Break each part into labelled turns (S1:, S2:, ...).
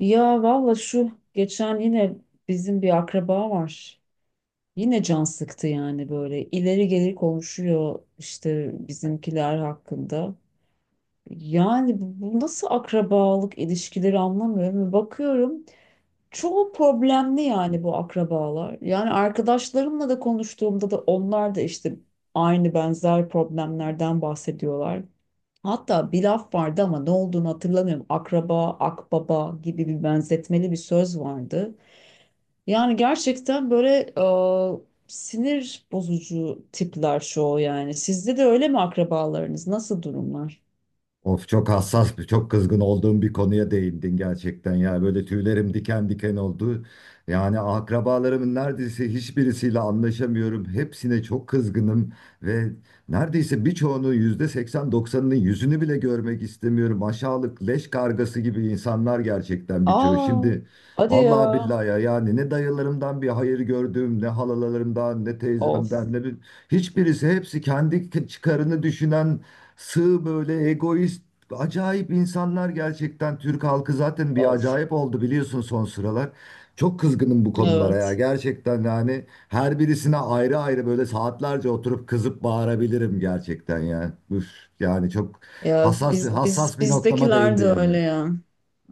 S1: Ya valla şu geçen yine bizim bir akraba var. Yine can sıktı yani böyle ileri geri konuşuyor işte bizimkiler hakkında. Yani bu nasıl akrabalık ilişkileri anlamıyorum. Bakıyorum çoğu problemli yani bu akrabalar. Yani arkadaşlarımla da konuştuğumda da onlar da işte aynı benzer problemlerden bahsediyorlar. Hatta bir laf vardı ama ne olduğunu hatırlamıyorum. Akraba, akbaba gibi bir benzetmeli bir söz vardı. Yani gerçekten böyle sinir bozucu tipler çoğu yani. Sizde de öyle mi akrabalarınız? Nasıl durumlar?
S2: Of çok kızgın olduğum bir konuya değindin gerçekten ya. Böyle tüylerim diken diken oldu. Yani akrabalarımın neredeyse hiçbirisiyle anlaşamıyorum. Hepsine çok kızgınım ve neredeyse birçoğunun %80-90'ının yüzünü bile görmek istemiyorum. Aşağılık leş kargası gibi insanlar gerçekten birçoğu.
S1: Aa,
S2: Şimdi
S1: hadi ya.
S2: vallahi billahi ya yani ne dayılarımdan bir hayır gördüm, ne halalarımdan, ne
S1: Of,
S2: teyzemden, ne bir... Hiçbirisi hepsi kendi çıkarını düşünen sığ, böyle egoist, acayip insanlar gerçekten. Türk halkı zaten bir
S1: of.
S2: acayip oldu biliyorsun son sıralar. Çok kızgınım bu konulara ya.
S1: Evet.
S2: Gerçekten yani her birisine ayrı ayrı böyle saatlerce oturup kızıp bağırabilirim gerçekten ya. Üf, yani çok
S1: Ya
S2: hassas bir hassas bir noktama
S1: bizdekiler
S2: değindi
S1: de
S2: yani.
S1: öyle ya.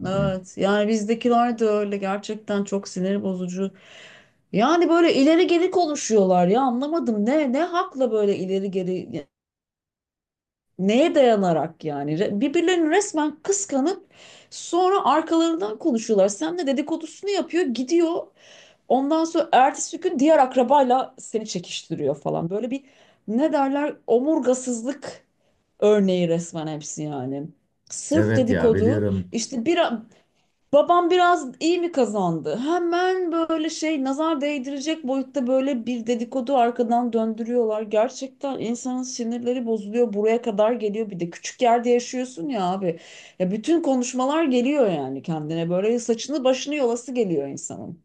S2: Hı hı.
S1: Evet yani bizdekiler de öyle gerçekten çok sinir bozucu. Yani böyle ileri geri konuşuyorlar ya, anlamadım ne hakla böyle ileri geri, neye dayanarak yani. Birbirlerini resmen kıskanıp sonra arkalarından konuşuyorlar. Sen de dedikodusunu yapıyor gidiyor. Ondan sonra ertesi gün diğer akrabayla seni çekiştiriyor falan. Böyle bir, ne derler, omurgasızlık örneği resmen hepsi yani. Sırf
S2: Evet ya,
S1: dedikodu
S2: biliyorum.
S1: işte. Bir babam biraz iyi mi kazandı? Hemen böyle şey, nazar değdirecek boyutta böyle bir dedikodu arkadan döndürüyorlar. Gerçekten insanın sinirleri bozuluyor. Buraya kadar geliyor, bir de küçük yerde yaşıyorsun ya abi. Ya bütün konuşmalar geliyor yani, kendine böyle saçını başını yolası geliyor insanın.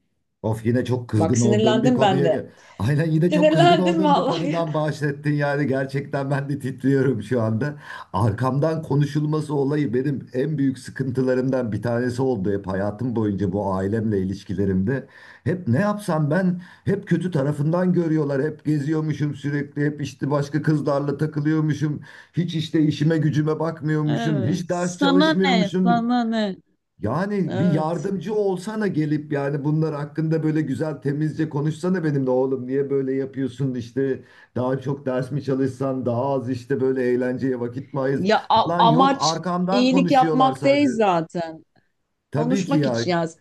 S2: Of, yine çok
S1: Bak
S2: kızgın olduğum bir
S1: sinirlendim ben
S2: konuya
S1: de.
S2: gel. Aynen, yine çok kızgın
S1: Sinirlendim
S2: olduğum bir
S1: vallahi.
S2: konudan bahsettin yani, gerçekten ben de titriyorum şu anda. Arkamdan konuşulması olayı benim en büyük sıkıntılarımdan bir tanesi oldu hep hayatım boyunca, bu ailemle ilişkilerimde. Hep ne yapsam ben, hep kötü tarafından görüyorlar. Hep geziyormuşum sürekli. Hep işte başka kızlarla takılıyormuşum. Hiç işte işime gücüme bakmıyormuşum.
S1: Evet.
S2: Hiç ders
S1: Sana ne?
S2: çalışmıyormuşum.
S1: Sana ne?
S2: Yani bir
S1: Evet.
S2: yardımcı olsana gelip, yani bunlar hakkında böyle güzel temizce konuşsana benimle, oğlum niye böyle yapıyorsun işte, daha çok ders mi çalışsan, daha az işte böyle eğlenceye vakit mi ayırs
S1: Ya
S2: falan yok,
S1: amaç
S2: arkamdan
S1: iyilik
S2: konuşuyorlar
S1: yapmak
S2: sadece.
S1: değil zaten.
S2: Tabii ki
S1: Konuşmak
S2: ya,
S1: için yaz.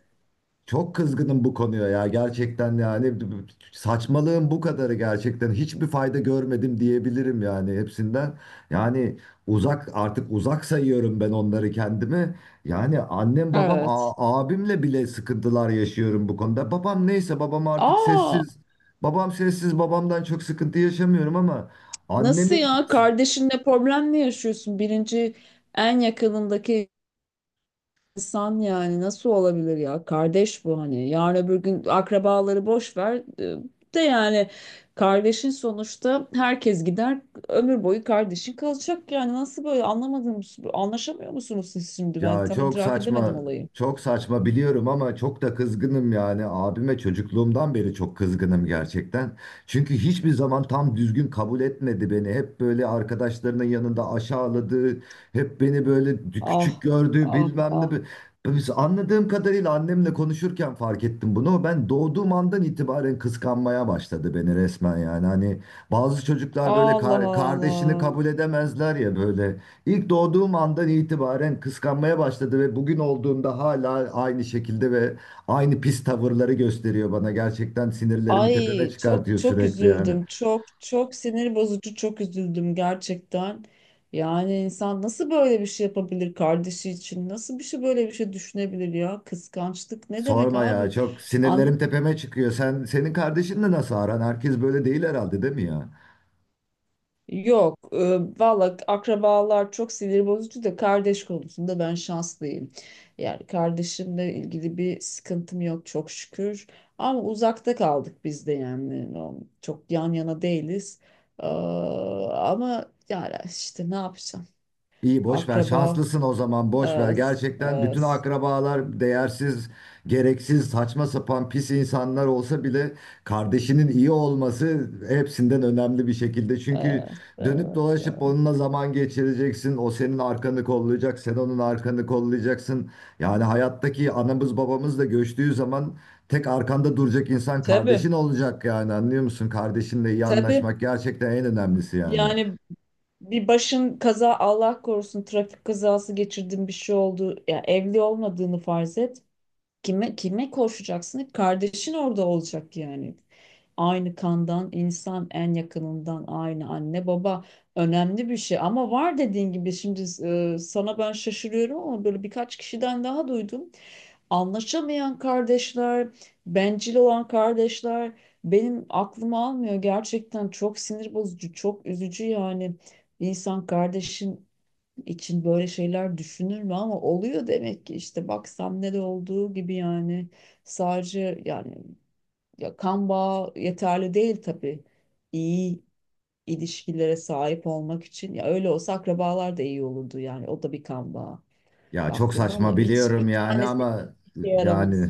S2: çok kızgınım bu konuya ya, gerçekten yani saçmalığın bu kadarı, gerçekten hiçbir fayda görmedim diyebilirim yani hepsinden. Yani uzak, artık uzak sayıyorum ben onları kendimi. Yani annem babam
S1: Evet.
S2: abimle bile sıkıntılar yaşıyorum bu konuda. Babam neyse, babam artık
S1: Aa,
S2: sessiz. Babam sessiz, babamdan çok sıkıntı yaşamıyorum ama
S1: nasıl
S2: annemin...
S1: ya? Kardeşinle problem mi yaşıyorsun? Birinci, en yakınındaki İnsan yani, nasıl olabilir ya? Kardeş bu hani. Yarın öbür gün akrabaları boş ver. De yani, kardeşin sonuçta, herkes gider, ömür boyu kardeşin kalacak yani. Nasıl böyle anlamadım, anlaşamıyor musunuz siz şimdi? Ben
S2: Ya
S1: tam
S2: çok
S1: idrak
S2: saçma,
S1: edemedim olayı.
S2: çok saçma biliyorum ama çok da kızgınım yani. Abime çocukluğumdan beri çok kızgınım gerçekten. Çünkü hiçbir zaman tam düzgün kabul etmedi beni. Hep böyle arkadaşlarının yanında aşağıladı, hep beni böyle
S1: Ah,
S2: küçük gördü,
S1: ah,
S2: bilmem ne.
S1: ah.
S2: Biz anladığım kadarıyla, annemle konuşurken fark ettim bunu. Ben doğduğum andan itibaren kıskanmaya başladı beni resmen yani. Hani bazı çocuklar böyle
S1: Allah
S2: kardeşini
S1: Allah.
S2: kabul edemezler ya böyle. İlk doğduğum andan itibaren kıskanmaya başladı ve bugün olduğunda hala aynı şekilde ve aynı pis tavırları gösteriyor bana. Gerçekten sinirlerimi tepeme
S1: Ay çok
S2: çıkartıyor
S1: çok
S2: sürekli yani.
S1: üzüldüm. Çok çok sinir bozucu, çok üzüldüm gerçekten. Yani insan nasıl böyle bir şey yapabilir kardeşi için? Nasıl bir şey, böyle bir şey düşünebilir ya? Kıskançlık ne demek
S2: Sorma ya,
S1: abi?
S2: çok sinirlerim tepeme çıkıyor. Senin kardeşinle nasıl aran? Herkes böyle değil herhalde, değil mi ya?
S1: Yok, valla akrabalar çok sinir bozucu da kardeş konusunda ben şanslıyım. Yani kardeşimle ilgili bir sıkıntım yok çok şükür. Ama uzakta kaldık biz de yani. O, çok yan yana değiliz. Ee, ama yani işte ne yapacağım?
S2: İyi, boş ver.
S1: Akraba,
S2: Şanslısın, o zaman boş ver.
S1: evet,
S2: Gerçekten bütün
S1: evet,
S2: akrabalar değersiz, gereksiz, saçma sapan pis insanlar olsa bile kardeşinin iyi olması hepsinden önemli bir şekilde. Çünkü
S1: evet,
S2: dönüp
S1: evet,
S2: dolaşıp
S1: evet.
S2: onunla zaman geçireceksin. O senin arkanı kollayacak, sen onun arkanı kollayacaksın. Yani hayattaki anamız babamız da göçtüğü zaman tek arkanda duracak insan
S1: Tabii,
S2: kardeşin olacak yani. Anlıyor musun? Kardeşinle iyi
S1: tabii.
S2: anlaşmak gerçekten en önemlisi yani.
S1: Yani bir başın kaza, Allah korusun, trafik kazası geçirdin, bir şey oldu. Ya evli olmadığını farz et. Kime, kime koşacaksın? Hep kardeşin orada olacak yani. Aynı kandan insan, en yakınından, aynı anne baba, önemli bir şey. Ama var, dediğin gibi, şimdi sana ben şaşırıyorum ama böyle birkaç kişiden daha duydum. Anlaşamayan kardeşler, bencil olan kardeşler benim aklıma almıyor. Gerçekten çok sinir bozucu, çok üzücü yani. Bir insan kardeşin için böyle şeyler düşünür mü? Ama oluyor demek ki işte, bak ne de olduğu gibi yani. Sadece yani, ya kan bağı yeterli değil tabii. İyi ilişkilere sahip olmak için, ya öyle olsa akrabalar da iyi olurdu yani, o da bir kan bağı
S2: Ya çok
S1: baktığında, ama
S2: saçma
S1: hiç
S2: biliyorum
S1: bir
S2: yani
S1: tanesi işe
S2: ama
S1: yaramaz.
S2: yani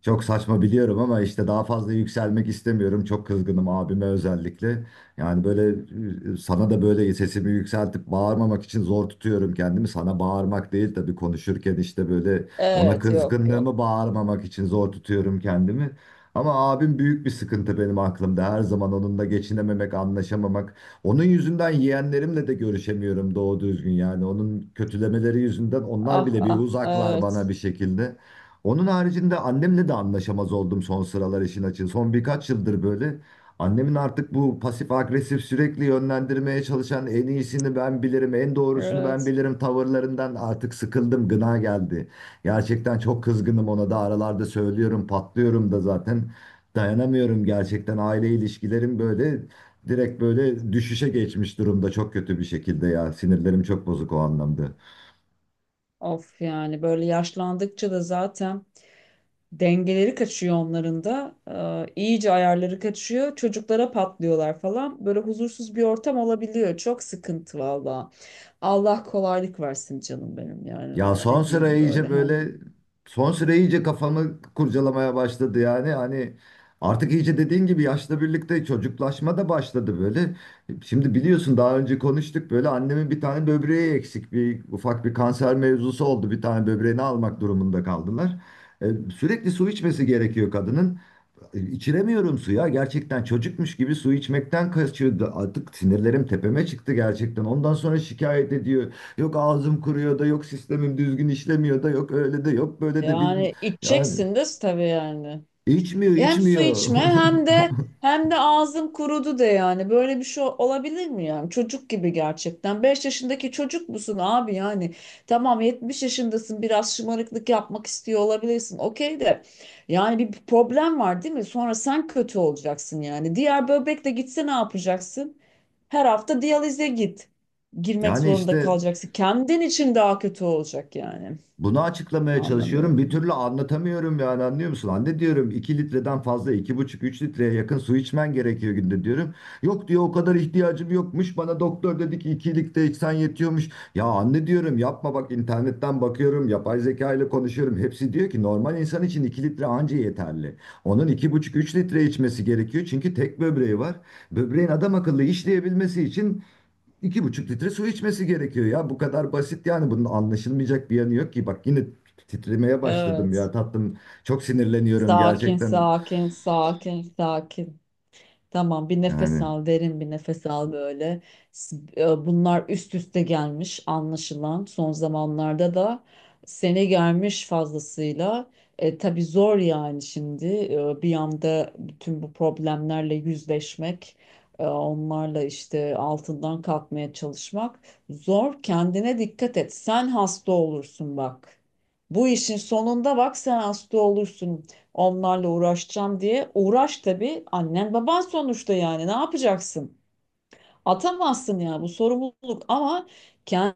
S2: çok saçma biliyorum ama işte daha fazla yükselmek istemiyorum. Çok kızgınım abime özellikle. Yani böyle, sana da böyle sesimi yükseltip bağırmamak için zor tutuyorum kendimi. Sana bağırmak değil tabii, konuşurken işte böyle ona
S1: Evet, yok yok.
S2: kızgınlığımı bağırmamak için zor tutuyorum kendimi. Ama abim büyük bir sıkıntı benim aklımda. Her zaman onunla geçinememek, anlaşamamak. Onun yüzünden yeğenlerimle de görüşemiyorum doğru düzgün yani. Onun kötülemeleri yüzünden onlar
S1: Ah
S2: bile bir
S1: ah,
S2: uzaklar bana
S1: evet.
S2: bir şekilde. Onun haricinde annemle de anlaşamaz oldum son sıralar, işin açığı. Son birkaç yıldır böyle. Annemin artık bu pasif agresif, sürekli yönlendirmeye çalışan, en iyisini ben bilirim, en doğrusunu ben
S1: Evet.
S2: bilirim tavırlarından artık sıkıldım, gına geldi. Gerçekten çok kızgınım ona da, aralarda söylüyorum, patlıyorum da zaten. Dayanamıyorum gerçekten, aile ilişkilerim böyle direkt böyle düşüşe geçmiş durumda, çok kötü bir şekilde ya. Sinirlerim çok bozuk o anlamda.
S1: Of yani böyle yaşlandıkça da zaten dengeleri kaçıyor onların da. İyice ayarları kaçıyor. Çocuklara patlıyorlar falan. Böyle huzursuz bir ortam olabiliyor. Çok sıkıntı valla. Allah kolaylık versin canım benim. Yani
S2: Ya
S1: valla ne diyeyim böyle, hem
S2: son sıra iyice kafamı kurcalamaya başladı yani, hani artık iyice dediğin gibi yaşla birlikte çocuklaşma da başladı böyle. Şimdi biliyorsun, daha önce konuştuk, böyle annemin bir tane böbreği eksik, bir ufak bir kanser mevzusu oldu, bir tane böbreğini almak durumunda kaldılar. E, Sürekli su içmesi gerekiyor kadının. İçiremiyorum suya. Gerçekten çocukmuş gibi su içmekten kaçıyordu. Artık sinirlerim tepeme çıktı gerçekten. Ondan sonra şikayet ediyor. Yok ağzım kuruyor da, yok sistemim düzgün işlemiyor da, yok öyle de, yok böyle de, bilmem.
S1: yani
S2: Yani
S1: içeceksin de tabii yani.
S2: içmiyor,
S1: Hem su
S2: içmiyor.
S1: içme, hem de ağzım kurudu de yani. Böyle bir şey olabilir mi yani? Çocuk gibi gerçekten. 5 yaşındaki çocuk musun abi yani? Tamam, 70 yaşındasın, biraz şımarıklık yapmak istiyor olabilirsin, okey. De yani bir problem var, değil mi? Sonra sen kötü olacaksın yani. Diğer böbrek de gitse ne yapacaksın? Her hafta diyalize git. Girmek
S2: Yani
S1: zorunda
S2: işte,
S1: kalacaksın. Kendin için daha kötü olacak yani.
S2: bunu açıklamaya çalışıyorum.
S1: Anlamıyorum
S2: Bir
S1: bunu.
S2: türlü anlatamıyorum yani, anlıyor musun? Anne diyorum, 2 litreden fazla, 2,5-3 litreye yakın su içmen gerekiyor günde, diyorum. Yok diyor, o kadar ihtiyacım yokmuş. Bana doktor dedi ki 2 litre içsen yetiyormuş. Ya anne diyorum, yapma, bak internetten bakıyorum. Yapay zeka ile konuşuyorum. Hepsi diyor ki, normal insan için 2 litre anca yeterli. Onun 2,5-3 litre içmesi gerekiyor. Çünkü tek böbreği var. Böbreğin adam akıllı işleyebilmesi için 2,5 litre su içmesi gerekiyor ya. Bu kadar basit yani, bunun anlaşılmayacak bir yanı yok ki. Bak yine titremeye başladım ya
S1: Evet.
S2: tatlım. Çok sinirleniyorum
S1: Sakin,
S2: gerçekten.
S1: sakin, sakin, sakin. Tamam, bir nefes
S2: Yani.
S1: al, derin bir nefes al böyle. Bunlar üst üste gelmiş anlaşılan. Son zamanlarda da seni gelmiş fazlasıyla. Tabii zor yani şimdi, bir anda bütün bu problemlerle yüzleşmek, onlarla işte altından kalkmaya çalışmak zor. Kendine dikkat et. Sen hasta olursun bak. Bu işin sonunda bak, sen hasta olursun. Onlarla uğraşacağım diye uğraş, tabii annen baban sonuçta, yani ne yapacaksın? Atamazsın ya bu sorumluluk, ama kendini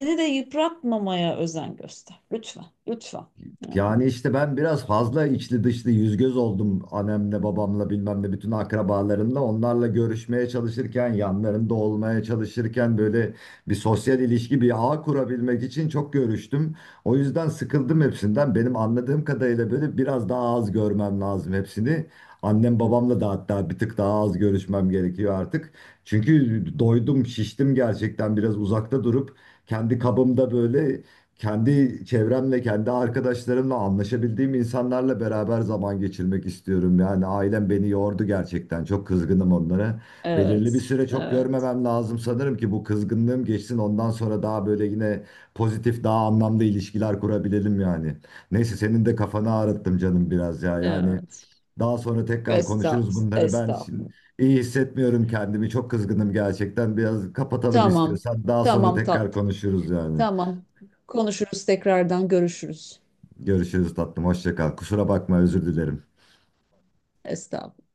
S1: de yıpratmamaya özen göster. Lütfen, lütfen. Yani,
S2: Yani işte, ben biraz fazla içli dışlı yüz göz oldum annemle babamla bilmem ne, bütün akrabalarımla onlarla görüşmeye çalışırken, yanlarında olmaya çalışırken, böyle bir sosyal ilişki, bir ağ kurabilmek için çok görüştüm. O yüzden sıkıldım hepsinden, benim anladığım kadarıyla böyle biraz daha az görmem lazım hepsini. Annem babamla da hatta bir tık daha az görüşmem gerekiyor artık. Çünkü doydum, şiştim gerçekten, biraz uzakta durup kendi kabımda, böyle kendi çevremle, kendi arkadaşlarımla, anlaşabildiğim insanlarla beraber zaman geçirmek istiyorum. Yani ailem beni yordu gerçekten. Çok kızgınım onlara. Belirli bir
S1: evet,
S2: süre çok
S1: evet,
S2: görmemem lazım sanırım ki bu kızgınlığım geçsin. Ondan sonra daha böyle yine pozitif, daha anlamlı ilişkiler kurabilelim yani. Neyse, senin de kafanı ağrıttım canım biraz ya. Yani
S1: evet.
S2: daha sonra tekrar
S1: Estağfurullah,
S2: konuşuruz bunları. Ben şimdi
S1: estağfurullah.
S2: iyi hissetmiyorum kendimi. Çok kızgınım gerçekten. Biraz kapatalım
S1: Tamam,
S2: istiyorsan. Daha sonra
S1: tamam
S2: tekrar
S1: tatlım,
S2: konuşuruz yani.
S1: tamam. Konuşuruz, tekrardan görüşürüz.
S2: Görüşürüz tatlım. Hoşça kal. Kusura bakma, özür dilerim.
S1: Estağfurullah.